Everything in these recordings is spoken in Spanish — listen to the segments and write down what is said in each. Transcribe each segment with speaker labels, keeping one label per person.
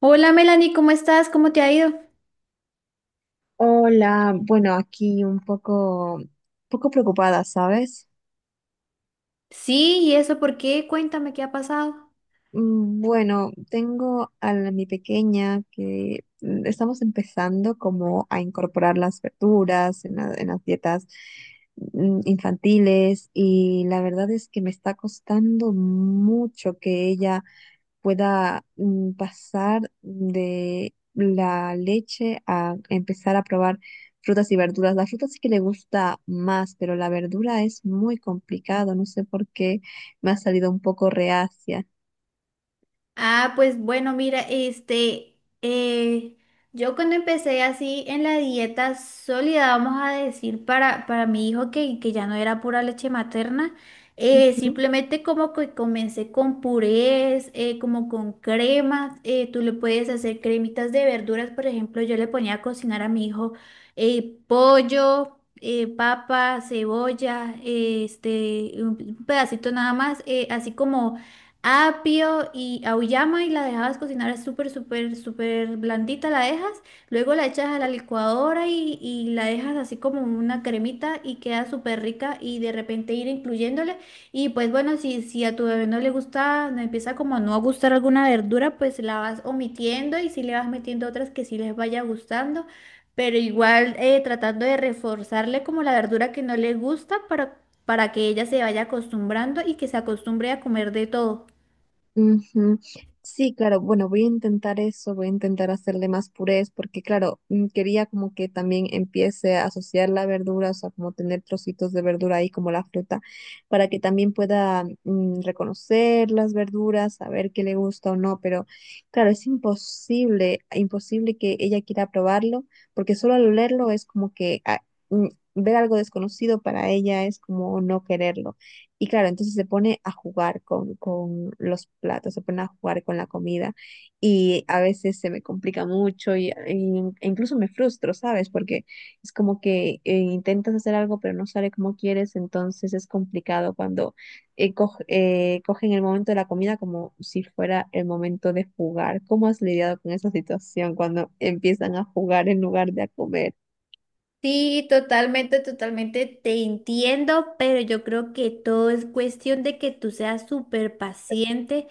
Speaker 1: Hola Melanie, ¿cómo estás? ¿Cómo te ha ido?
Speaker 2: Hola, bueno, aquí un poco preocupada, ¿sabes?
Speaker 1: Sí, ¿y eso por qué? Cuéntame qué ha pasado.
Speaker 2: Bueno, tengo a mi pequeña que estamos empezando como a incorporar las verduras en las dietas infantiles y la verdad es que me está costando mucho que ella pueda pasar de la leche a empezar a probar frutas y verduras. La fruta sí que le gusta más, pero la verdura es muy complicado. No sé por qué me ha salido un poco reacia.
Speaker 1: Ah, pues bueno, mira, yo cuando empecé así en la dieta sólida, vamos a decir, para mi hijo que ya no era pura leche materna,
Speaker 2: Ujú.
Speaker 1: simplemente como que comencé con purés, como con cremas, tú le puedes hacer cremitas de verduras, por ejemplo, yo le ponía a cocinar a mi hijo pollo, papa, cebolla, un pedacito nada más, así como apio y auyama y la dejabas cocinar súper, súper, súper blandita, la dejas, luego la echas a la licuadora y la dejas así como una cremita y queda súper rica y de repente ir incluyéndole y pues bueno, si a tu bebé no le gusta, no empieza como a no gustar alguna verdura, pues la vas omitiendo y si le vas metiendo otras que sí les vaya gustando. Pero igual tratando de reforzarle como la verdura que no le gusta para que ella se vaya acostumbrando y que se acostumbre a comer de todo.
Speaker 2: Ujú. Sí, claro, bueno, voy a intentar eso, voy a intentar hacerle más purés, porque claro, quería como que también empiece a asociar la verdura, o sea, como tener trocitos de verdura ahí como la fruta, para que también pueda reconocer las verduras, saber qué le gusta o no, pero claro, es imposible, imposible que ella quiera probarlo, porque solo al olerlo es como que mm, ver algo desconocido para ella es como no quererlo. Y claro, entonces se pone a jugar con los platos, se pone a jugar con la comida y a veces se me complica mucho y e incluso me frustro, ¿sabes? Porque es como que intentas hacer algo pero no sale como quieres, entonces es complicado cuando cogen el momento de la comida como si fuera el momento de jugar. ¿Cómo has lidiado con esa situación cuando empiezan a jugar en lugar de a comer?
Speaker 1: Sí, totalmente, totalmente te entiendo, pero yo creo que todo es cuestión de que tú seas súper paciente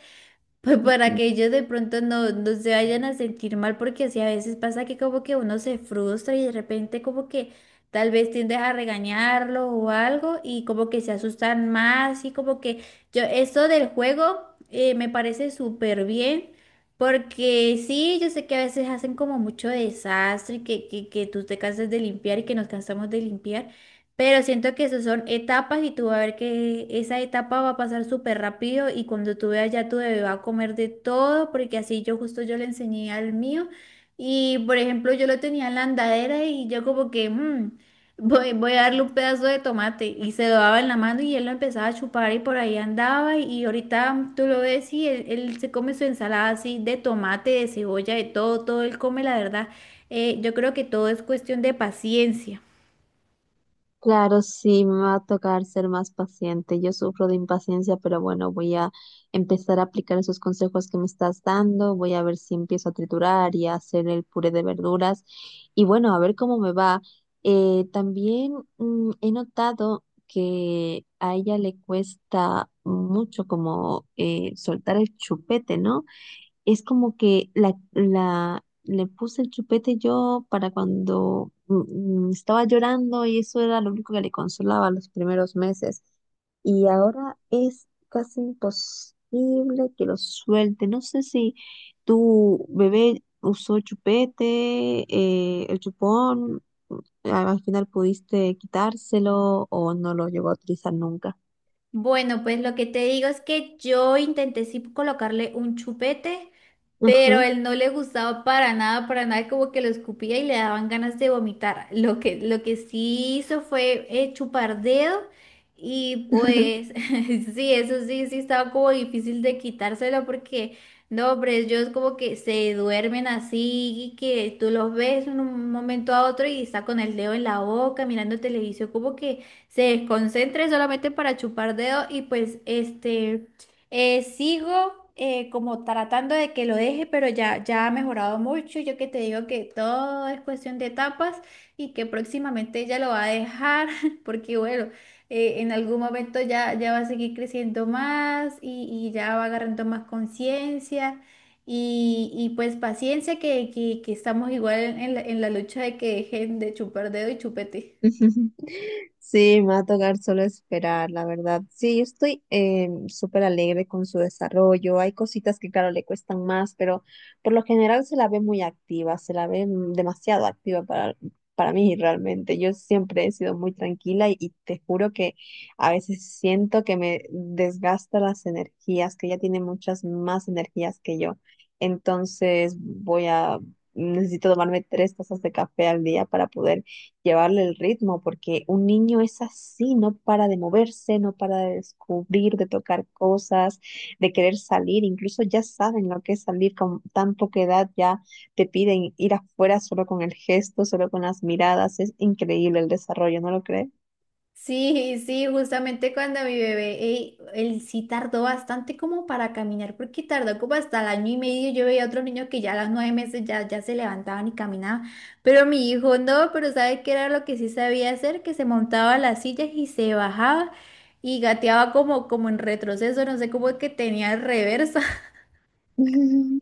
Speaker 1: pues para que ellos de pronto no, no se vayan a sentir mal, porque sí a veces pasa que como que uno se frustra y de repente como que tal vez tiendes a regañarlo o algo y como que se asustan más y como que yo, eso del juego me parece súper bien, porque sí, yo sé que a veces hacen como mucho desastre, que tú te cansas de limpiar y que nos cansamos de limpiar. Pero siento que esas son etapas y tú vas a ver que esa etapa va a pasar súper rápido y cuando tú veas ya tu bebé va a comer de todo porque así yo justo yo le enseñé al mío y por ejemplo yo lo tenía en la andadera y yo como que voy a darle un pedazo de tomate y se lo daba en la mano y él lo empezaba a chupar y por ahí andaba y ahorita tú lo ves y él se come su ensalada así de tomate, de cebolla, de todo, todo él come la verdad. Yo creo que todo es cuestión de paciencia.
Speaker 2: Claro, sí, me va a tocar ser más paciente. Yo sufro de impaciencia, pero bueno, voy a empezar a aplicar esos consejos que me estás dando. Voy a ver si empiezo a triturar y a hacer el puré de verduras. Y bueno, a ver cómo me va. También he notado que a ella le cuesta mucho como soltar el chupete, ¿no? Es como que le puse el chupete yo para cuando estaba llorando y eso era lo único que le consolaba los primeros meses. Y ahora es casi imposible que lo suelte. No sé si tu bebé usó chupete, el chupón, al final pudiste quitárselo o no lo llegó a utilizar nunca.
Speaker 1: Bueno, pues lo que te digo es que yo intenté sí colocarle un chupete, pero
Speaker 2: Ajá.
Speaker 1: él no le gustaba para nada, como que lo escupía y le daban ganas de vomitar. Lo que sí hizo fue chupar dedo y pues sí, eso sí, sí estaba como difícil de quitárselo porque no, hombre, ellos como que se duermen así y que tú los ves en un momento a otro y está con el dedo en la boca mirando televisión, como que se desconcentra solamente para chupar dedo y pues Sigo como tratando de que lo deje, pero ya ha mejorado mucho. Yo que te digo que todo es cuestión de etapas y que próximamente ella lo va a dejar, porque bueno, en algún momento ya va a seguir creciendo más y ya va agarrando más conciencia y pues paciencia que estamos igual en en la lucha de que dejen de chupar dedo y chupete.
Speaker 2: Sí, me va a tocar solo esperar, la verdad. Sí, yo estoy súper alegre con su desarrollo. Hay cositas que, claro, le cuestan más, pero por lo general se la ve muy activa, se la ve demasiado activa para mí realmente. Yo siempre he sido muy tranquila y te juro que a veces siento que me desgasta las energías, que ella tiene muchas más energías que yo. Entonces voy a... Necesito tomarme tres tazas de café al día para poder llevarle el ritmo, porque un niño es así, no para de moverse, no para de descubrir, de tocar cosas, de querer salir, incluso ya saben lo que es salir con tan poca edad, ya te piden ir afuera solo con el gesto, solo con las miradas, es increíble el desarrollo, ¿no lo crees?
Speaker 1: Sí, sí, justamente cuando mi bebé, él sí tardó bastante como para caminar, porque tardó como hasta el año y medio. Yo veía a otros niños que ya a los nueve meses ya se levantaban y caminaban, pero mi hijo no, pero ¿sabe qué era lo que sí sabía hacer? Que se montaba a las sillas y se bajaba y gateaba como en retroceso, no sé cómo es que tenía el reverso.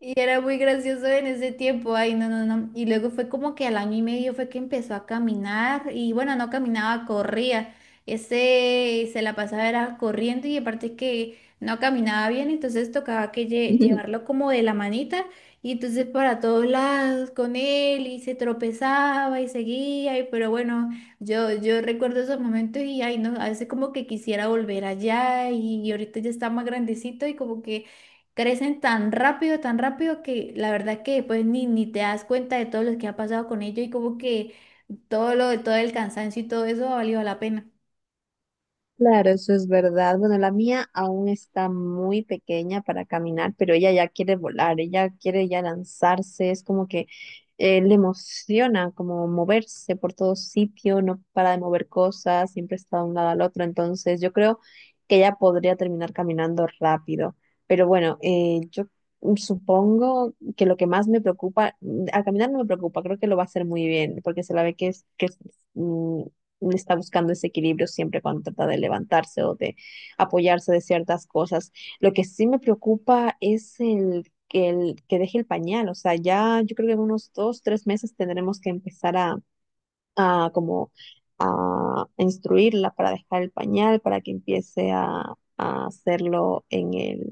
Speaker 1: Y era muy gracioso en ese tiempo, ay, no, no, no. Y luego fue como que al año y medio fue que empezó a caminar y bueno, no caminaba, corría. Ese se la pasaba era corriendo y aparte que no caminaba bien, entonces tocaba que llevarlo como de la manita y entonces para todos lados con él y se tropezaba y seguía, pero bueno, yo recuerdo esos momentos y ay, no, a veces como que quisiera volver allá y ahorita ya está más grandecito y como que... Crecen tan rápido que la verdad que pues ni te das cuenta de todo lo que ha pasado con ellos y como que todo el cansancio y todo eso ha valido la pena.
Speaker 2: Claro, eso es verdad. Bueno, la mía aún está muy pequeña para caminar, pero ella ya quiere volar, ella quiere ya lanzarse, es como que le emociona como moverse por todo sitio, no para de mover cosas, siempre está de un lado al otro, entonces yo creo que ella podría terminar caminando rápido. Pero bueno, yo supongo que lo que más me preocupa, a caminar no me preocupa, creo que lo va a hacer muy bien, porque se la ve mm, está buscando ese equilibrio siempre cuando trata de levantarse o de apoyarse de ciertas cosas. Lo que sí me preocupa es el que deje el pañal, o sea, ya yo creo que en unos 2, 3 meses tendremos que empezar a como a instruirla para dejar el pañal, para que empiece a hacerlo en el,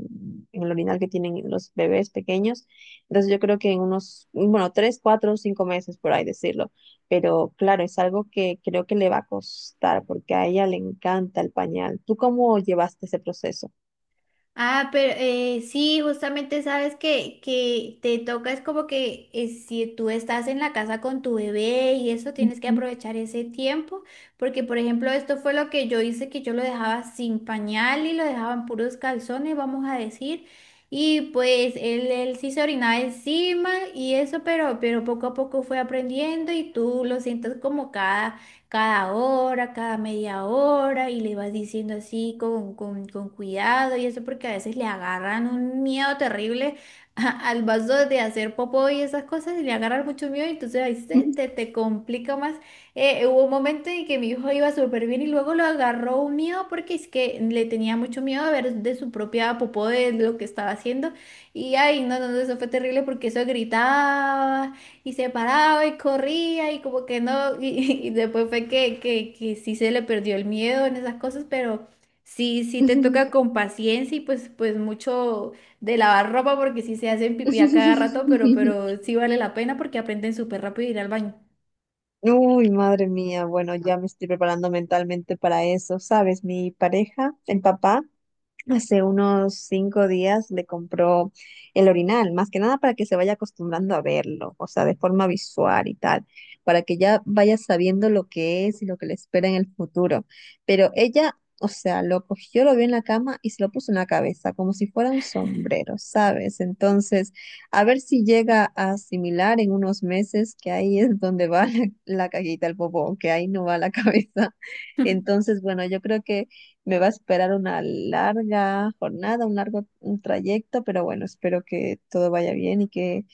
Speaker 2: en el orinal que tienen los bebés pequeños. Entonces yo creo que en unos, bueno, 3, 4, 5 meses por ahí decirlo. Pero claro, es algo que creo que le va a costar porque a ella le encanta el pañal. ¿Tú cómo llevaste ese proceso?
Speaker 1: Ah, pero sí, justamente sabes que te toca, es como que si tú estás en la casa con tu bebé y eso, tienes que aprovechar ese tiempo, porque por ejemplo, esto fue lo que yo hice, que yo lo dejaba sin pañal y lo dejaba en puros calzones, vamos a decir, y pues él sí se orinaba encima y eso, pero poco a poco fue aprendiendo y tú lo sientas como cada hora, cada media hora y le vas diciendo así con cuidado y eso porque a veces le agarran un miedo terrible al vaso de hacer popó y esas cosas y le agarran mucho miedo y entonces ahí te complica más. Hubo un momento en que mi hijo iba súper bien y luego lo agarró un miedo porque es que le tenía mucho miedo a ver de su propia popó de lo que estaba haciendo y ay, no, no, no, eso fue terrible porque eso gritaba. Y se paraba y corría y como que no, y después fue que sí se le perdió el miedo en esas cosas, pero sí, sí te
Speaker 2: Ujú.
Speaker 1: toca con paciencia y pues mucho de lavar ropa porque sí se hacen pipí a cada rato, pero sí vale la pena porque aprenden súper rápido a ir al baño.
Speaker 2: Uy, madre mía, bueno, ya me estoy preparando mentalmente para eso, ¿sabes? Mi pareja, el papá. Hace unos 5 días le compró el orinal, más que nada para que se vaya acostumbrando a verlo, o sea, de forma visual y tal, para que ya vaya sabiendo lo que es y lo que le espera en el futuro. Pero ella, o sea, lo cogió, lo vio en la cama y se lo puso en la cabeza, como si fuera un sombrero, ¿sabes? Entonces, a ver si llega a asimilar en unos meses que ahí es donde va la caguita, el bobo, que ahí no va la cabeza. Entonces, bueno, yo creo que me va a esperar una larga jornada, un largo un trayecto, pero bueno, espero que todo vaya bien y que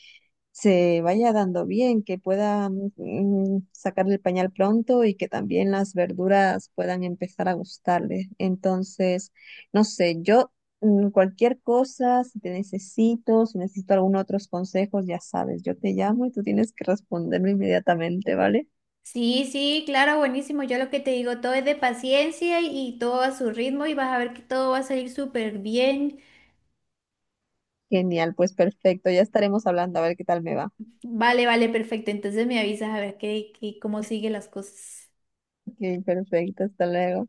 Speaker 2: se vaya dando bien, que pueda sacarle el pañal pronto y que también las verduras puedan empezar a gustarle. Entonces, no sé, yo cualquier cosa, si te necesito, si necesito algún otros consejos, ya sabes, yo te llamo y tú tienes que responderme inmediatamente, ¿vale?
Speaker 1: Sí, sí, claro, buenísimo. Yo lo que te digo, todo es de paciencia y todo a su ritmo y vas a ver que todo va a salir súper bien.
Speaker 2: Genial, pues perfecto, ya estaremos hablando a ver qué tal me va.
Speaker 1: Vale, vale, perfecto. Entonces me avisas a ver qué, cómo siguen las cosas.
Speaker 2: Ok, perfecto, hasta luego.